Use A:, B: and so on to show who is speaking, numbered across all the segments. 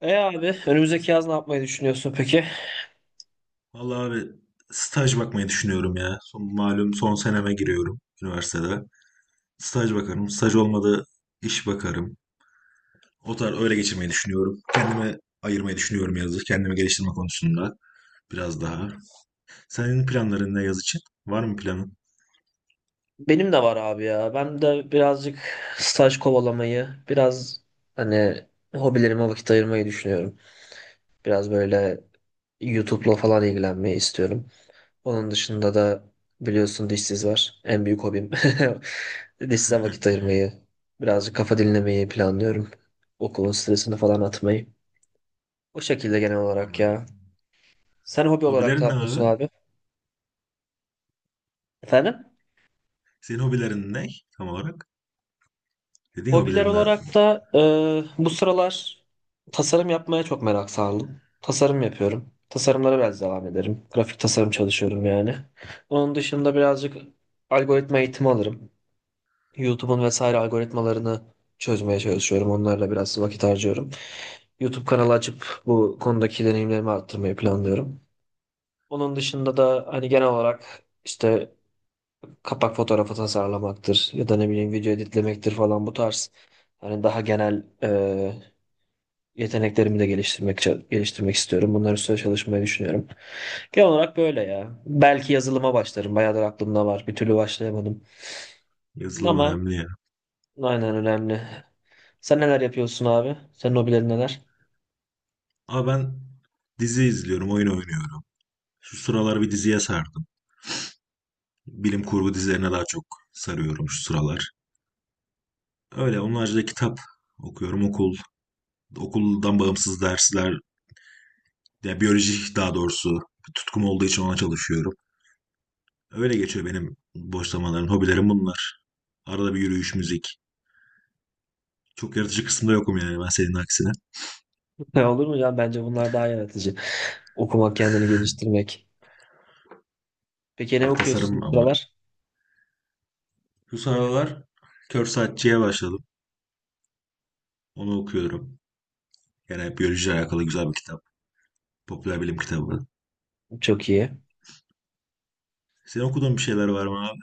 A: Abi, önümüzdeki yaz ne yapmayı düşünüyorsun peki?
B: Vallahi abi staj bakmayı düşünüyorum ya. Son, malum son seneme giriyorum üniversitede. Staj bakarım. Staj olmadı iş bakarım. O tarz öyle geçirmeyi düşünüyorum. Kendime ayırmayı düşünüyorum yazı. Kendimi geliştirme konusunda biraz daha. Senin planların ne yaz için? Var mı planın?
A: Benim de var abi ya. Ben de birazcık staj kovalamayı, biraz hani hobilerime vakit ayırmayı düşünüyorum. Biraz böyle YouTube'la falan ilgilenmeyi istiyorum. Onun dışında da biliyorsun dişsiz var. En büyük hobim. Dişsize vakit ayırmayı, birazcık kafa dinlemeyi planlıyorum. Okulun stresini falan atmayı. O şekilde genel olarak ya.
B: Anladım.
A: Sen hobi olarak ne
B: Hobilerin ne
A: yapıyorsun
B: abi?
A: abi? Efendim?
B: Senin hobilerin ne tam olarak? Dediğin
A: Hobiler
B: hobilerimde
A: olarak da bu sıralar tasarım yapmaya çok merak sardım. Tasarım yapıyorum. Tasarımlara biraz devam ederim. Grafik tasarım çalışıyorum yani. Onun dışında birazcık algoritma eğitimi alırım. YouTube'un vesaire algoritmalarını çözmeye çalışıyorum. Onlarla biraz vakit harcıyorum. YouTube kanalı açıp bu konudaki deneyimlerimi arttırmayı planlıyorum. Onun dışında da hani genel olarak işte kapak fotoğrafı tasarlamaktır ya da ne bileyim video editlemektir falan bu tarz. Hani daha genel yeteneklerimi de geliştirmek istiyorum. Bunlar üstüne çalışmayı düşünüyorum. Genel olarak böyle ya. Belki yazılıma başlarım. Bayağıdır aklımda var. Bir türlü başlayamadım.
B: yazılım
A: Ama
B: önemli ya.
A: aynen önemli. Sen neler yapıyorsun abi? Senin hobilerin neler?
B: Abi ben dizi izliyorum, oyun oynuyorum. Şu sıralar bir diziye sardım. Bilim kurgu dizilerine daha çok sarıyorum şu sıralar. Öyle onun haricinde kitap okuyorum. Okul, okuldan bağımsız dersler, yani biyoloji daha doğrusu bir tutkum olduğu için ona çalışıyorum. Öyle geçiyor benim boş zamanlarım, hobilerim bunlar. Arada bir yürüyüş, müzik. Çok yaratıcı kısımda yokum yani ben senin aksine.
A: Olur mu ya? Bence bunlar daha yaratıcı. Okumak, kendini geliştirmek. Peki ne
B: Ya,
A: okuyorsun
B: tasarım
A: bu
B: ama.
A: sıralar?
B: Şu sıralar Kör Saatçi'ye başladım. Onu okuyorum. Yani biyolojiyle alakalı güzel bir kitap. Popüler bilim kitabı.
A: Çok iyi.
B: Senin okuduğun bir şeyler var mı?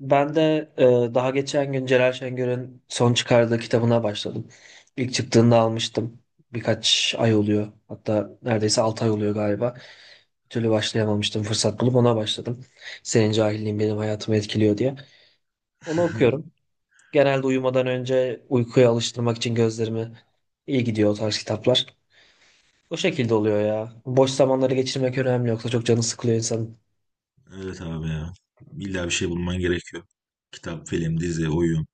A: Ben de daha geçen gün Celal Şengör'ün son çıkardığı kitabına başladım. İlk çıktığında almıştım. Birkaç ay oluyor. Hatta neredeyse 6 ay oluyor galiba. Bir türlü başlayamamıştım. Fırsat bulup ona başladım. Senin cahilliğin benim hayatımı etkiliyor diye. Onu okuyorum. Genelde uyumadan önce uykuya alıştırmak için gözlerimi iyi gidiyor o tarz kitaplar. O şekilde oluyor ya. Boş zamanları geçirmek önemli yoksa çok canı sıkılıyor insanın.
B: Evet abi ya. İlla bir şey bulman gerekiyor. Kitap, film, dizi, oyun.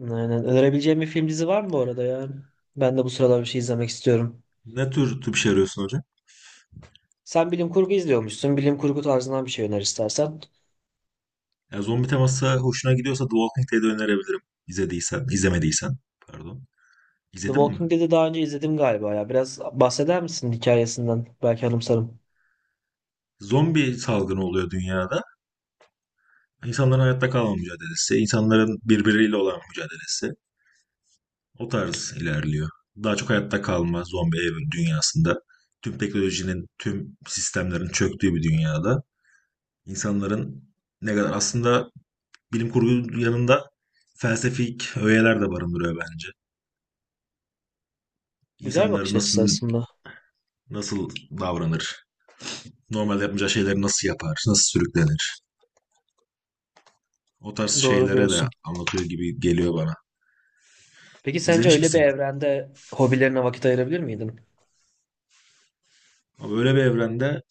A: Aynen. Önerebileceğim bir film dizi var mı bu arada ya? Ben de bu sıralar bir şey izlemek istiyorum.
B: Ne tür bir şey arıyorsun hocam?
A: Sen bilim kurgu izliyormuşsun. Bilim kurgu tarzından bir şey öner istersen.
B: Ya zombi teması hoşuna gidiyorsa The Walking Dead'i önerebilirim. İzlediysen, izlemediysen. Pardon.
A: The
B: İzledin mi?
A: Walking Dead'i daha önce izledim galiba ya. Biraz bahseder misin hikayesinden? Belki anımsarım.
B: Zombi salgını oluyor dünyada. İnsanların hayatta kalma mücadelesi, insanların birbiriyle olan mücadelesi. O tarz ilerliyor. Daha çok hayatta kalma, zombi ev dünyasında tüm teknolojinin, tüm sistemlerin çöktüğü bir dünyada insanların ne kadar aslında bilim kurgu yanında felsefik öğeler de barındırıyor bence.
A: Güzel
B: İnsanlar
A: bakış açısı
B: nasıl
A: aslında.
B: nasıl davranır? Normal yapmayacağı şeyleri nasıl yapar? Nasıl sürüklenir? O tarz
A: Doğru
B: şeylere de
A: diyorsun.
B: anlatıyor gibi geliyor bana.
A: Peki sence
B: İzlemiş
A: öyle bir
B: misin?
A: evrende hobilerine vakit ayırabilir miydin?
B: Ama böyle bir evrende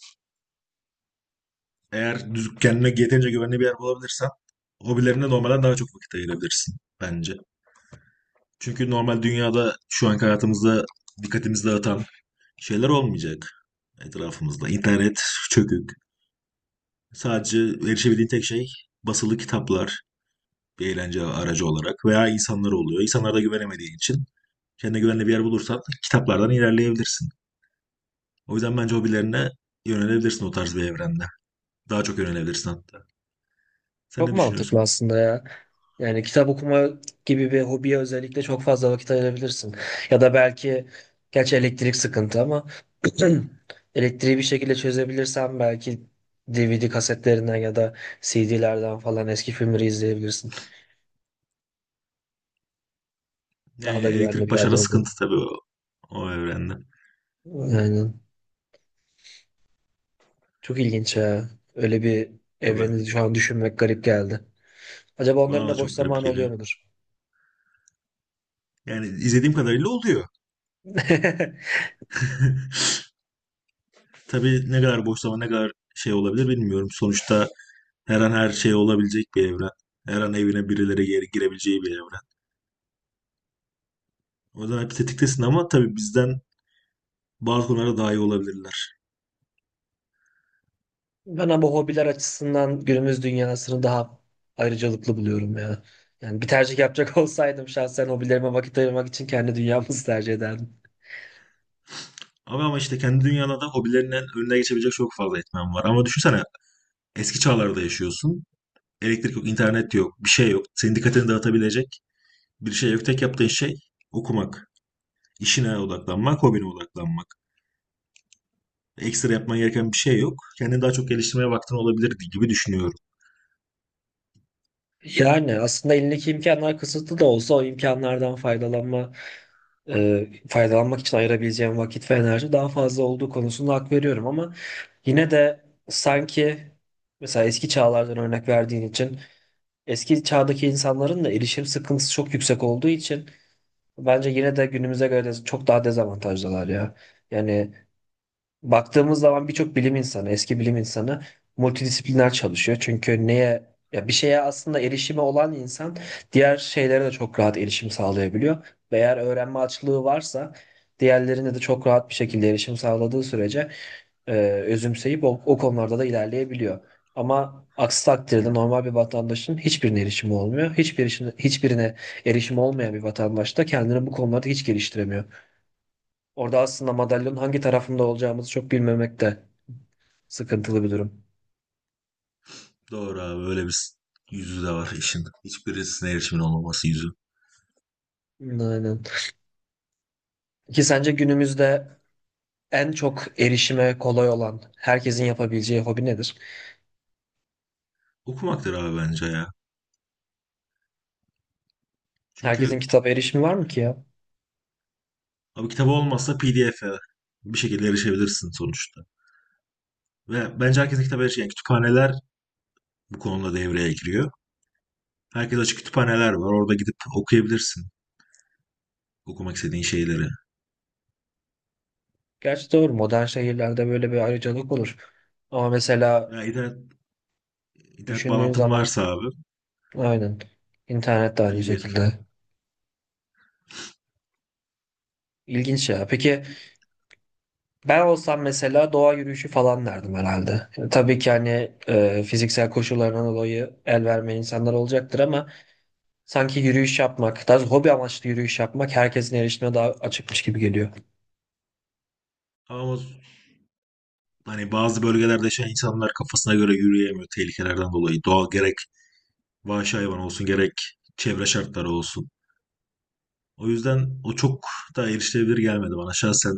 B: eğer düz, kendine yeterince güvenli bir yer bulabilirsen hobilerine normalden daha çok vakit ayırabilirsin bence. Çünkü normal dünyada şu anki hayatımızda dikkatimizi dağıtan şeyler olmayacak etrafımızda. İnternet çökük. Sadece erişebildiğin tek şey basılı kitaplar bir eğlence aracı olarak veya insanlar oluyor. İnsanlara da güvenemediğin için kendine güvenli bir yer bulursan kitaplardan ilerleyebilirsin. O yüzden bence hobilerine yönelebilirsin o tarz bir evrende. Daha çok yönelebilirsin hatta. Sen
A: Çok
B: ne
A: mantıklı
B: düşünüyorsun?
A: aslında ya. Yani kitap okuma gibi bir hobiye özellikle çok fazla vakit ayırabilirsin. Ya da belki gerçi elektrik sıkıntı ama elektriği bir şekilde çözebilirsen belki DVD kasetlerinden ya da CD'lerden falan eski filmleri izleyebilirsin.
B: Yani
A: Daha da güvenli
B: elektrik
A: bir yerde
B: başarı
A: olur.
B: sıkıntı tabii o evrenden.
A: Aynen. Çok ilginç ya. Öyle bir
B: Ya
A: evreni
B: ben-
A: şu an düşünmek garip geldi. Acaba onların
B: Bana da
A: da boş
B: çok garip
A: zamanı oluyor
B: geliyor.
A: mudur?
B: Yani izlediğim kadarıyla oluyor. Tabii ne kadar boş zaman ne kadar şey olabilir bilmiyorum. Sonuçta her an her şey olabilecek bir evren. Her an evine birileri geri girebileceği bir evren. O yüzden hep tetiktesin ama tabii bizden bazı konularda daha iyi olabilirler.
A: Ben ama hobiler açısından günümüz dünyasını daha ayrıcalıklı buluyorum ya. Yani bir tercih yapacak olsaydım şahsen hobilerime vakit ayırmak için kendi dünyamızı tercih ederdim.
B: Ama işte kendi dünyanda da hobilerinin önüne geçebilecek çok fazla etmen var. Ama düşünsene eski çağlarda yaşıyorsun. Elektrik yok, internet yok, bir şey yok. Senin dikkatini dağıtabilecek bir şey yok. Tek yaptığın şey okumak. İşine odaklanmak, hobine odaklanmak. Ekstra yapman gereken bir şey yok. Kendini daha çok geliştirmeye vaktin olabilirdi gibi düşünüyorum.
A: Yani aslında elindeki imkanlar kısıtlı da olsa o imkanlardan faydalanma, faydalanmak için ayırabileceğim vakit ve enerji daha fazla olduğu konusunda hak veriyorum ama yine de sanki mesela eski çağlardan örnek verdiğin için eski çağdaki insanların da erişim sıkıntısı çok yüksek olduğu için bence yine de günümüze göre de çok daha dezavantajlılar ya. Yani baktığımız zaman birçok bilim insanı, eski bilim insanı multidisipliner çalışıyor. Çünkü neye ya bir şeye aslında erişimi olan insan diğer şeylere de çok rahat erişim sağlayabiliyor. Ve eğer öğrenme açlığı varsa diğerlerine de çok rahat bir şekilde erişim sağladığı sürece özümseyip o konularda da ilerleyebiliyor. Ama aksi takdirde
B: Evet.
A: normal bir vatandaşın hiçbirine erişimi olmuyor. Hiçbirine erişimi olmayan bir vatandaş da kendini bu konularda hiç geliştiremiyor. Orada aslında madalyonun hangi tarafında olacağımızı çok bilmemek de sıkıntılı bir durum.
B: Doğru abi öyle bir yüzü de var işin. Hiçbirisine erişimin olmaması yüzü.
A: Aynen. Ki sence günümüzde en çok erişime kolay olan, herkesin yapabileceği hobi nedir?
B: Okumaktır abi bence ya.
A: Herkesin
B: Çünkü
A: kitap erişimi var mı ki ya?
B: abi kitabı olmazsa PDF'e bir şekilde erişebilirsin sonuçta. Ve bence herkesin kitaba erişiyor. Yani kütüphaneler bu konuda devreye giriyor. Herkes açık kütüphaneler var. Orada gidip okuyabilirsin okumak istediğin şeyleri.
A: Gerçi doğru, modern şehirlerde böyle bir ayrıcalık olur. Ama mesela
B: Ya internet, internet
A: düşündüğün
B: bağlantın
A: zaman
B: varsa abi
A: aynen İnternet de aynı
B: PDF.
A: şekilde. İlginç ya. Peki ben olsam mesela doğa yürüyüşü falan derdim herhalde. Yani tabii ki hani fiziksel koşullarından dolayı el vermeyen insanlar olacaktır ama sanki yürüyüş yapmak, daha doğrusu hobi amaçlı yürüyüş yapmak herkesin erişimine daha açıkmış gibi geliyor.
B: Ama hani bazı bölgelerde yaşayan insanlar kafasına göre yürüyemiyor tehlikelerden dolayı. Doğal gerek vahşi hayvan olsun gerek çevre şartları olsun. O yüzden o çok daha erişilebilir gelmedi bana şahsen.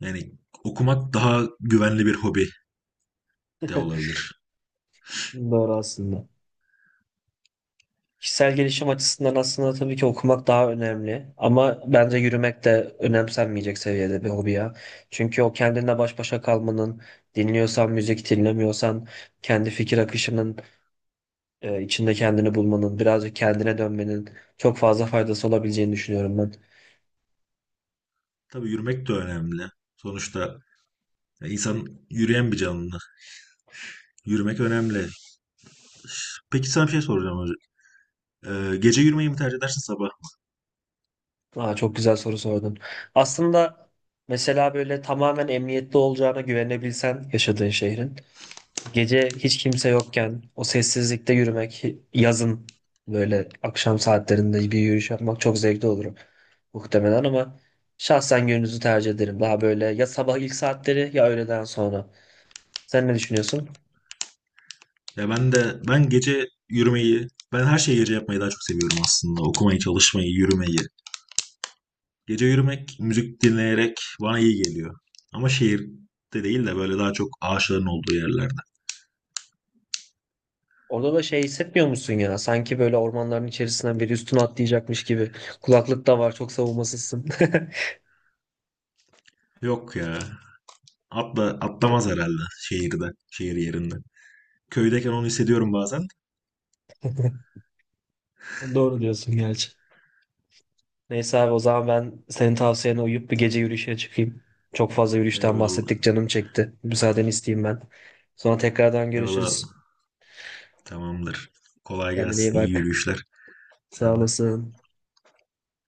B: Yani okumak daha güvenli bir hobi de olabilir.
A: Doğru aslında. Kişisel gelişim açısından aslında tabii ki okumak daha önemli. Ama bence yürümek de önemsenmeyecek seviyede bir hobi ya. Çünkü o kendinle baş başa kalmanın, dinliyorsan müzik, dinlemiyorsan kendi fikir akışının içinde kendini bulmanın, birazcık kendine dönmenin çok fazla faydası olabileceğini düşünüyorum ben.
B: Tabii yürümek de önemli. Sonuçta insan yürüyen bir canlı. Yürümek önemli. Peki sana bir şey soracağım hocam. Gece yürümeyi mi tercih edersin sabah?
A: Aa, çok güzel soru sordun. Aslında mesela böyle tamamen emniyetli olacağına güvenebilsen yaşadığın şehrin. Gece hiç kimse yokken o sessizlikte yürümek, yazın böyle akşam saatlerinde bir yürüyüş yapmak çok zevkli olur muhtemelen ama şahsen gündüzü tercih ederim. Daha böyle ya sabah ilk saatleri ya öğleden sonra. Sen ne düşünüyorsun?
B: Ya ben de, ben gece yürümeyi, ben her şeyi gece yapmayı daha çok seviyorum aslında. Okumayı, çalışmayı, yürümeyi. Gece yürümek, müzik dinleyerek bana iyi geliyor. Ama şehirde değil de böyle daha çok ağaçların olduğu yerlerde.
A: Orada da şey hissetmiyor musun ya? Sanki böyle ormanların içerisinden biri üstüne atlayacakmış gibi. Kulaklık da var, çok savunmasızsın.
B: Yok ya. Atla, atlamaz herhalde şehirde, şehir yerinde. Köydeyken onu hissediyorum bazen.
A: Doğru diyorsun gerçi. Neyse abi, o zaman ben senin tavsiyene uyup bir gece yürüyüşe çıkayım. Çok fazla yürüyüşten bahsettik,
B: Eyvallah.
A: canım çekti. Müsaadeni isteyeyim ben. Sonra tekrardan
B: Eyvallah.
A: görüşürüz.
B: Tamamdır. Kolay
A: Kendine iyi
B: gelsin. İyi
A: bak.
B: yürüyüşler.
A: Sağ
B: Sen de.
A: olasın.